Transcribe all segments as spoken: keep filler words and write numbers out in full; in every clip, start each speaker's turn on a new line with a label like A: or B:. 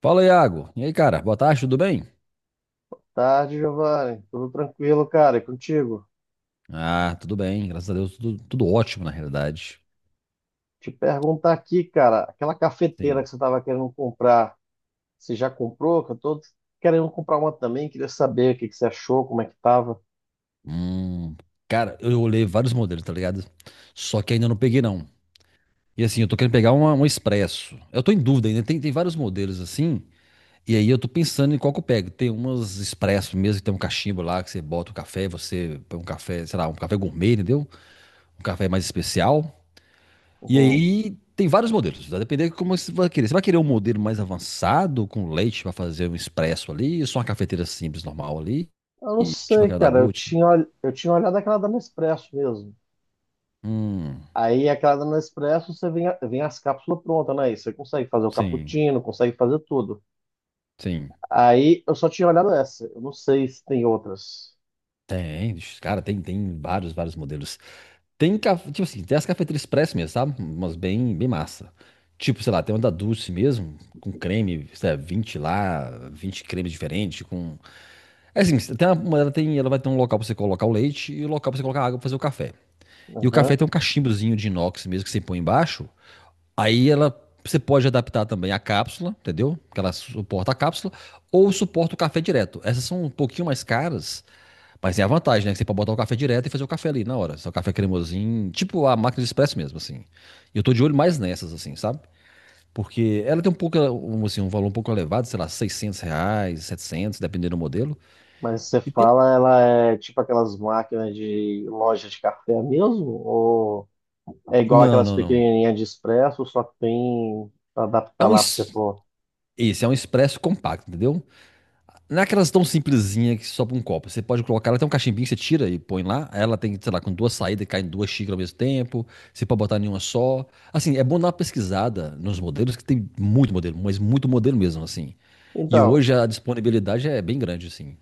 A: Fala, Iago. E aí, cara? Boa tarde, tudo bem?
B: Tarde, Giovanni. Tudo tranquilo, cara? E contigo?
A: Ah, tudo bem, graças a Deus, tudo, tudo ótimo, na realidade.
B: Te perguntar aqui, cara, aquela cafeteira
A: Sim.
B: que você estava querendo comprar, você já comprou? Que eu tô querendo comprar uma também, queria saber o que que você achou, como é que tava.
A: Hum, Cara, eu olhei vários modelos, tá ligado? Só que ainda não peguei, não. E assim, eu tô querendo pegar uma, um Expresso. Eu tô em dúvida ainda, tem, tem vários modelos assim, e aí eu tô pensando em qual que eu pego. Tem umas Expresso mesmo, que tem um cachimbo lá, que você bota o café, você põe um café, sei lá, um café gourmet, entendeu? Um café mais especial. E
B: Uhum.
A: aí tem vários modelos, vai depender de como você vai querer. Você vai querer um modelo mais avançado, com leite para fazer um expresso ali, ou só uma cafeteira simples, normal ali,
B: Eu não
A: tipo
B: sei,
A: aquela da
B: cara. Eu
A: Gucci?
B: tinha, ol- eu tinha olhado aquela da Nespresso mesmo.
A: Hum,
B: Aí aquela da Nespresso, você vem, a- vem as cápsulas prontas, né? E você consegue fazer o
A: sim,
B: cappuccino, consegue fazer tudo.
A: sim.
B: Aí eu só tinha olhado essa. Eu não sei se tem outras.
A: Tem, ixi, cara, tem, tem vários, vários modelos. Tem, ca- tipo assim, tem as cafeterias express mesmo, sabe? Umas bem, bem massa. Tipo, sei lá, tem uma da Dulce mesmo, com creme, sei lá, vinte lá, vinte cremes diferentes, com... É assim, tem uma- ela, tem, ela vai ter um local pra você colocar o leite e o local pra você colocar a água pra fazer o café. E o
B: Uhum.
A: café tem um cachimbozinho de inox mesmo que você põe embaixo. Aí ela você pode adaptar também a cápsula, entendeu? Que ela suporta a cápsula, ou suporta o café direto. Essas são um pouquinho mais caras, mas é a vantagem, né? Que você pode botar o café direto e fazer o café ali na hora. Só o café cremosinho, tipo a máquina de expresso mesmo, assim. E eu tô de olho mais nessas, assim, sabe? Porque ela tem um pouco, um, assim, um valor um pouco elevado, sei lá, seiscentos reais, setecentos dependendo do modelo.
B: Mas você
A: E tem...
B: fala, ela é tipo aquelas máquinas de loja de café mesmo? Ou é igual
A: Não,
B: aquelas
A: não, não.
B: pequenininhas de expresso, só que tem para
A: É
B: adaptar
A: um...
B: lá para você
A: es-
B: pôr?
A: Esse é um expresso compacto, entendeu? Não é aquelas tão simplesinha que sobe um copo. Você pode colocar, ela tem um cachimbinho que você tira e põe lá. Ela tem, sei lá, com duas saídas, cai em duas xícaras ao mesmo tempo. Você pode botar nenhuma só. Assim, é bom dar uma pesquisada nos modelos, que tem muito modelo, mas muito modelo mesmo, assim. E
B: Então,
A: hoje a disponibilidade é bem grande, assim.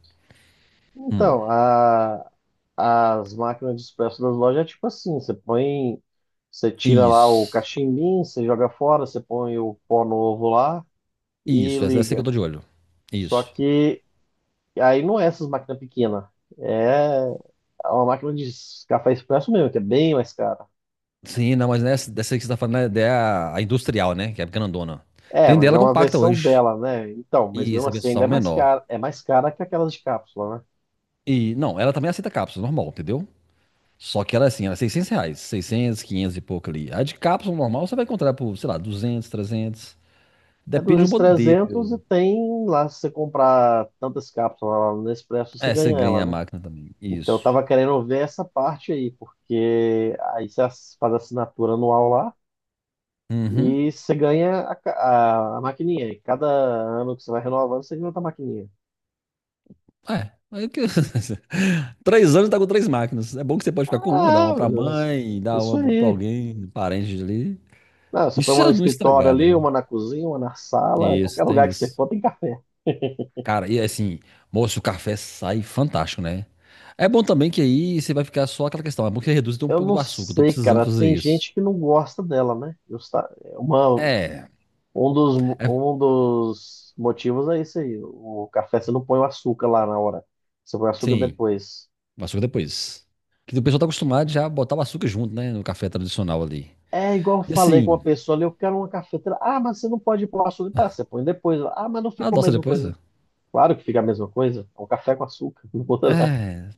A: Hum.
B: então a- as máquinas de expresso das lojas é tipo assim: você põe, você tira lá o
A: Isso.
B: cachimbinho, você joga fora, você põe o pó novo lá e
A: Isso, essa é essa que eu
B: liga.
A: tô de olho.
B: Só
A: Isso.
B: que aí não é essas máquinas pequenas, é uma máquina de café expresso mesmo, que é bem mais cara.
A: Sim, não, mas nessa, dessa aí que você tá falando né? é a, a industrial, né? Que é a grandona.
B: É,
A: Tem
B: mas é
A: dela
B: uma
A: compacta
B: versão
A: hoje.
B: dela, né? Então, mas
A: E
B: mesmo
A: essa
B: assim ainda é
A: versão
B: mais
A: menor.
B: cara, é mais cara que aquelas de cápsula, né?
A: E, não, ela também aceita cápsula, normal, entendeu? Só que ela, é assim, era seiscentos reais, seiscentos, quinhentos e pouco ali. A de cápsula normal você vai encontrar por, sei lá, duzentos, trezentos.
B: É
A: Depende do
B: duzentos,
A: modelo.
B: trezentos e tem lá, se você comprar tantas cápsulas lá no Nespresso, você
A: É, você
B: ganha
A: ganha
B: ela,
A: a
B: né?
A: máquina também.
B: Então eu
A: Isso.
B: tava querendo ver essa parte aí, porque aí você ass- faz a assinatura anual lá
A: Uhum.
B: e você ganha a, ca- a, a maquininha. E cada ano que você vai renovando, você ganha outra maquininha.
A: É. Aí que- Três anos tá com três máquinas. É bom que você pode ficar com uma, dar
B: Ah,
A: uma pra mãe, dar
B: isso
A: uma pro- pra
B: aí.
A: alguém, parente ali.
B: Não, você
A: Isso
B: põe
A: se
B: uma no
A: ela não
B: escritório
A: estragar,
B: ali,
A: né?
B: uma na cozinha, uma na sala, qualquer
A: Isso,
B: lugar
A: tem
B: que você
A: isso.
B: for tem café.
A: Cara, e assim, moço, o café sai fantástico, né? É bom também que aí você vai ficar só aquela questão. É bom que reduz até um
B: Eu
A: pouco
B: não
A: do açúcar. Eu tô
B: sei,
A: precisando
B: cara.
A: fazer
B: Tem
A: isso.
B: gente que não gosta dela, né? Justa- é Uma,
A: É,
B: um dos,
A: é,
B: um dos motivos é isso aí. O café você não põe o açúcar lá na hora. Você põe o açúcar
A: sim,
B: depois.
A: o açúcar depois. Que o pessoal tá acostumado já a botar o açúcar junto, né? No café tradicional ali.
B: É igual eu
A: E
B: falei com uma
A: assim,
B: pessoa ali, eu quero uma cafeteira. Ah, mas você não pode pôr açúcar. Tá, você põe depois. Ah, mas não
A: a
B: fica a
A: adoça
B: mesma
A: depois,
B: coisa.
A: velho.
B: Claro que fica a mesma coisa. É um café com açúcar. Não muda nada.
A: É,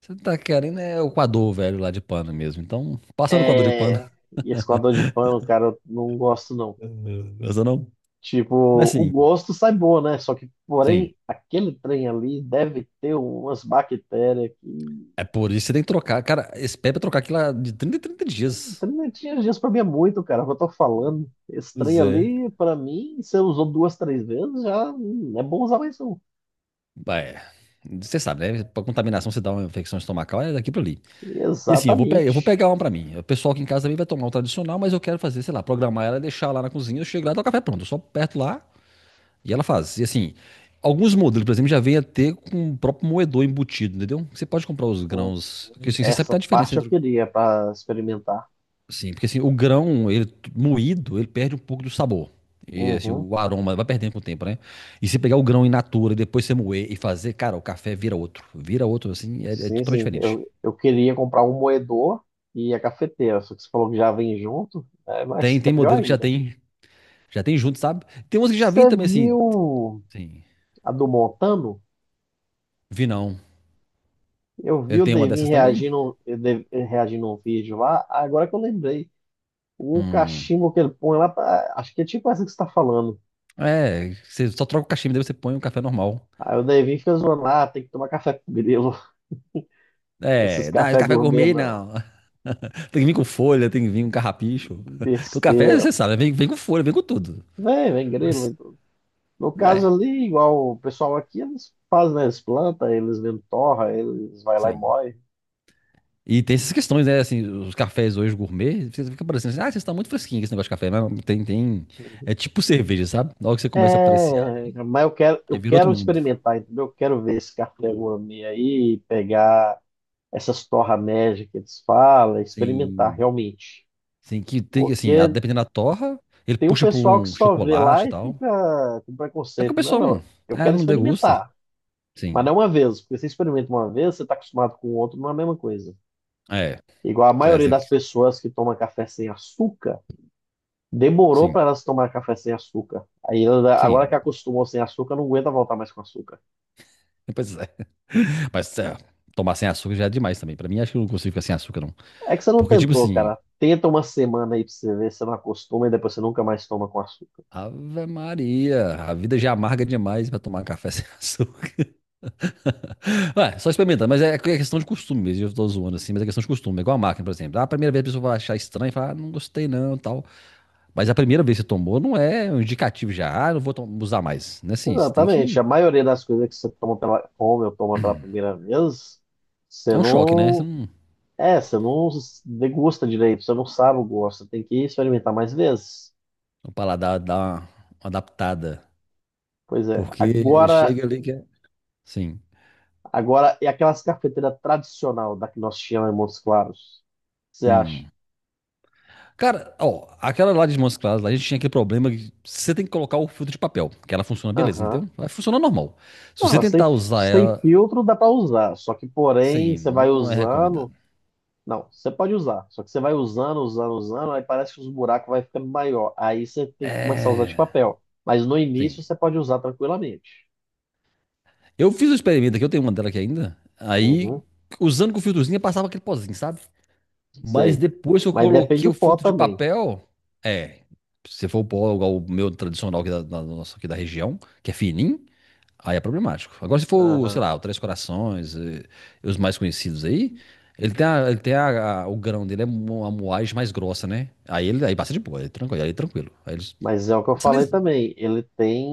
A: você tá querendo é o coador velho lá de pano mesmo. Então, passa no coador de pano.
B: É... e esse coador de pano, cara, eu não gosto não.
A: Essa não.
B: Tipo,
A: Mas
B: o
A: sim,
B: gosto sai bom, né? Só que,
A: sim.
B: porém, aquele trem ali deve ter umas bactérias que.
A: É por isso que você tem que trocar. Cara, esse pé é pra trocar aquilo lá de trinta em trinta
B: O
A: dias.
B: trem não tinha dias pra mim é muito, cara, é o que eu tô falando. Esse trem
A: Pois é.
B: ali, pra mim, se eu usou duas, três vezes, já hum, é bom usar mais não.
A: É. Você sabe, né? Pra contaminação, você dá uma infecção estomacal, é daqui pra ali. E assim, eu vou, pe- eu vou
B: Exatamente.
A: pegar uma pra mim. O pessoal aqui em casa também vai tomar o tradicional, mas eu quero fazer, sei lá, programar ela, deixar lá na cozinha, eu chego lá, dá o café pronto. Eu só aperto lá e ela faz. E assim, alguns modelos, por exemplo, já vem a ter com o próprio moedor embutido, entendeu? Você pode comprar os
B: Hum,
A: grãos. Porque assim, você sabe que
B: Essa
A: tá a diferença
B: parte eu
A: entre. Sim,
B: queria pra experimentar.
A: porque assim, o grão, ele t- moído, ele perde um pouco do sabor. E assim,
B: Uhum.
A: o aroma vai perdendo com o tempo, né? E se pegar o grão in natura e depois você moer e fazer, cara, o café vira outro. Vira outro, assim, é, é
B: Sim,
A: totalmente
B: sim.
A: diferente.
B: Eu, eu queria comprar um moedor e a cafeteira, só que você falou que já vem junto, é mais
A: Tem, tem
B: melhor
A: modelo que já
B: ainda.
A: tem Já tem junto, sabe? Tem umas que já vem
B: Você
A: também assim,
B: viu
A: sim.
B: a do Montano,
A: Vi não.
B: eu vi
A: Ele
B: o
A: tem uma
B: Devin
A: dessas também?
B: reagindo, eh, eh, reagindo a um vídeo lá, agora que eu lembrei. O
A: Hum.
B: cachimbo que ele põe lá, tá- acho que é tipo essa que você tá falando.
A: É, você só troca o cachimbo, daí você põe um café normal.
B: Aí o Devin fica zoando lá, tem que tomar café com grilo. Esses
A: É, não, esse
B: café
A: café
B: gourmet
A: gourmet
B: não.
A: não. Tem que vir com folha, tem que vir com carrapicho. Porque o café,
B: Besteira.
A: você sabe, vem, vem com folha, vem com tudo.
B: Vem, vem grilo. Vem
A: Mas,
B: tudo. No caso
A: é,
B: ali, igual o pessoal aqui, eles fazem, né, eles plantam, eles mesmo torra, eles vai lá e
A: sim.
B: moe.
A: E tem essas questões, né? Assim, os cafés hoje gourmet, você fica parecendo assim, ah, vocês estão muito fresquinhos com esse negócio de café. Mas tem, tem. É tipo cerveja, sabe? Na hora que você começa a apreciar,
B: É, mas eu quero,
A: aí
B: eu
A: vira outro
B: quero
A: mundo.
B: experimentar, entendeu? Eu quero ver esse café gourmet aí, pegar essas torra média que eles falam, experimentar
A: Sim.
B: realmente.
A: Assim, que tem, assim, a-
B: Porque
A: dependendo da torra, ele
B: tem um
A: puxa por
B: pessoal que
A: um
B: só vê
A: chocolate
B: lá
A: e
B: e
A: tal.
B: fica com
A: É porque o
B: preconceito. Não,
A: pessoal
B: não,
A: não,
B: eu
A: é,
B: quero
A: não degusta.
B: experimentar, mas
A: Sim.
B: não uma vez, porque você experimenta uma vez, você está acostumado com o outro, não é a mesma coisa.
A: É,
B: Igual a
A: é,
B: maioria
A: você-
B: das pessoas que toma café sem açúcar, demorou
A: sim,
B: para elas tomar café sem açúcar. Aí ela- agora que
A: sim.
B: acostumou sem açúcar, não aguenta voltar mais com açúcar.
A: Depois, é, mas é, tomar sem açúcar já é demais também. Pra mim, acho que eu não consigo ficar sem açúcar, não.
B: É que você não
A: Porque, tipo
B: tentou,
A: assim,
B: cara. Tenta uma semana aí pra você ver se você não acostuma e depois você nunca mais toma com açúcar.
A: Ave Maria, a vida já é amarga demais pra tomar café sem açúcar. Ué, só experimentando, mas é, é questão de costume mesmo. Eu tô zoando assim, mas é questão de costume. É igual a máquina, por exemplo. Ah, a primeira vez a pessoa vai achar estranho e falar, ah, não gostei não, tal. Mas a primeira vez que você tomou não é um indicativo já, ah, não vou to- usar mais. Não é assim, você tem
B: Exatamente.
A: que.
B: A maioria das coisas que você toma pela, come ou toma pela primeira vez, você
A: É um choque, né? Você
B: não.
A: não.
B: É, você não degusta direito, você não sabe o gosto, você tem que experimentar mais vezes.
A: O paladar dá uma, uma adaptada.
B: Pois é.
A: Porque
B: Agora,
A: chega ali que é. Sim.
B: agora, e aquelas cafeteiras tradicional da que nós tínhamos em Montes Claros? Você acha?
A: Hum. Cara, ó, aquela lá de Montes Claros, lá a gente tinha aquele problema que você tem que colocar o filtro de papel, que ela funciona beleza,
B: Aham.
A: entendeu? Vai funcionar normal. Se
B: Não,
A: você
B: elas têm,
A: tentar usar
B: sem
A: ela,
B: filtro dá para usar, só que porém
A: sim,
B: você vai
A: não é
B: usando.
A: recomendado.
B: Não, você pode usar. Só que você vai usando, usando, usando, aí parece que os buracos vai ficando maior. Aí você tem que começar a usar de
A: É.
B: papel. Mas no
A: Sim.
B: início você pode usar tranquilamente.
A: Eu fiz um experimento aqui, eu tenho uma dela aqui ainda. Aí,
B: Uhum,
A: usando com o filtrozinho, passava aquele pozinho, sabe? Mas
B: sei.
A: depois que eu
B: Mas depende
A: coloquei
B: do
A: o
B: pó
A: filtro de
B: também.
A: papel, é. Se for o pó igual o meu tradicional aqui da, da- nosso aqui da região, que é fininho, aí é problemático. Agora, se for, sei
B: Aham.
A: lá, o Três Corações, eh, os mais conhecidos aí, ele tem, a- ele tem a- a- o grão dele é mo- uma moagem mais grossa, né? Aí ele aí passa de boa, aí tranquilo, aí tranquilo. Aí eles
B: Mas é o que eu
A: são
B: falei
A: lisinhos.
B: também. Ele tem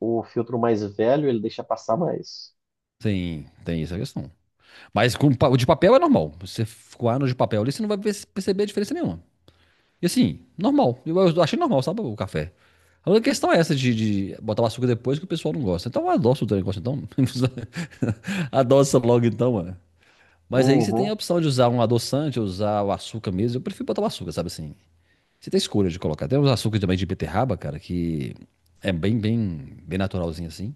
B: o filtro mais velho, ele deixa passar mais.
A: Tem, tem essa questão. Mas com pa- o de papel é normal. Você coar no de papel ali, você não vai perce- perceber a diferença nenhuma. E assim, normal. Eu, eu achei normal, sabe, o café. A única questão é essa de, de botar o açúcar depois que o pessoal não gosta. Então adoça o teu negócio, então. Adoça logo, então, mano. Mas aí você tem
B: Uhum.
A: a opção de usar um adoçante, usar o açúcar mesmo. Eu prefiro botar o açúcar, sabe assim. Você tem escolha de colocar. Tem uns açúcares também de beterraba, cara, que é bem, bem, bem naturalzinho assim.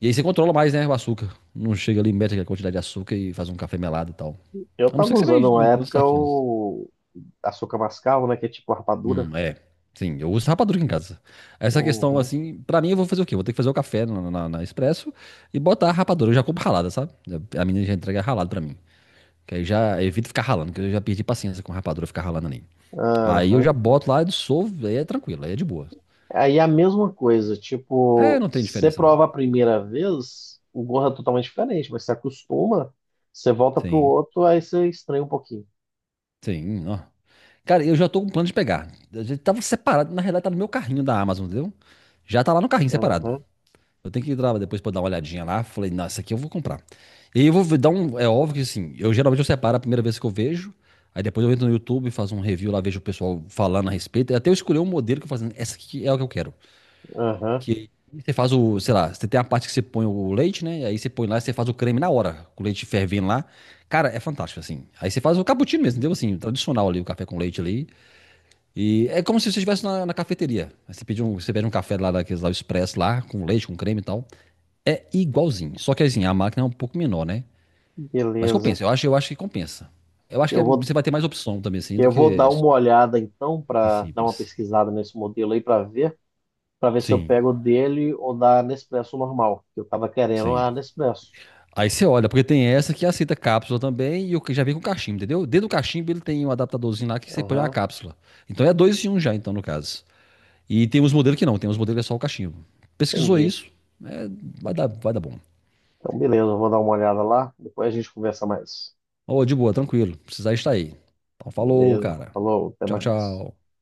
A: E aí você controla mais, né, o açúcar. Não chega ali, mete aquela quantidade de açúcar e faz um café melado e tal.
B: Eu
A: A não ser
B: tava
A: que você vai
B: usando uma
A: meter uns
B: época
A: saquinhos.
B: o açúcar mascavo, né? Que é tipo rapadura.
A: Hum, é. Sim, eu uso rapadura em casa. Essa questão,
B: Uhum.
A: assim, pra mim eu vou fazer o quê? Eu vou ter que fazer o café na, na, na Expresso e botar a rapadura. Eu já compro ralada, sabe? A menina já entrega ralado pra mim. Que aí já evito ficar ralando, que eu já perdi paciência com rapadura ficar ralando ali. Aí eu
B: Aham.
A: já boto lá, dissolvo, aí é tranquilo, aí é de boa.
B: Aí é a mesma coisa,
A: É,
B: tipo,
A: não tem
B: você
A: diferença não.
B: prova a primeira vez, o gosto é totalmente diferente, mas você acostuma, você volta pro
A: Sim,
B: outro, aí você estranha um pouquinho.
A: sim, ó. Cara, eu já tô com plano de pegar. A gente tava separado, na realidade tá no meu carrinho da Amazon, entendeu? Já tá lá no carrinho separado.
B: Aham,
A: Eu tenho que ir lá depois pra dar uma olhadinha lá. Falei, não, essa aqui eu vou comprar. E aí eu vou dar um. É óbvio que assim, eu geralmente eu separo a primeira vez que eu vejo. Aí depois eu entro no YouTube, faço um review lá, vejo o pessoal falando a respeito. Até eu escolher um modelo que eu falo, assim, essa aqui é o que eu quero.
B: aham,
A: Que você faz o, sei lá, você tem a parte que você põe o leite, né? Aí você põe lá e você faz o creme na hora, com o leite fervendo lá. Cara, é fantástico, assim. Aí você faz o cappuccino mesmo, entendeu? Assim, tradicional ali, o café com leite ali. E é como se você estivesse na, na cafeteria. Aí você pede um, você pede um café lá, daqueles lá, o expresso lá, com leite, com creme e tal. É igualzinho. Só que assim, a máquina é um pouco menor, né? Mas
B: beleza.
A: compensa. Eu acho, eu acho que compensa. Eu acho que
B: Eu
A: é-
B: vou,
A: você vai ter mais opção também, assim, do
B: eu vou
A: que
B: dar uma olhada então
A: o
B: para dar uma
A: simples.
B: pesquisada nesse modelo aí para ver, para ver se eu
A: Sim,
B: pego dele ou da Nespresso normal, que eu tava querendo
A: sim.
B: a Nespresso.
A: Aí você olha, porque tem essa que aceita cápsula também e o que já vem com cachimbo, entendeu? Dentro do cachimbo ele tem um adaptadorzinho lá que você põe uma
B: Aham,
A: cápsula. Então é dois em um já, então, no caso. E tem uns modelos que não, tem uns modelos que é só o cachimbo. Pesquisou
B: entendi.
A: isso, é, vai dar, vai dar bom.
B: Então beleza, eu vou dar uma olhada lá, depois a gente conversa mais.
A: Ô, de boa, tranquilo. Precisar estar aí. Então, falou,
B: Beleza,
A: cara.
B: falou, até
A: Tchau,
B: mais.
A: tchau.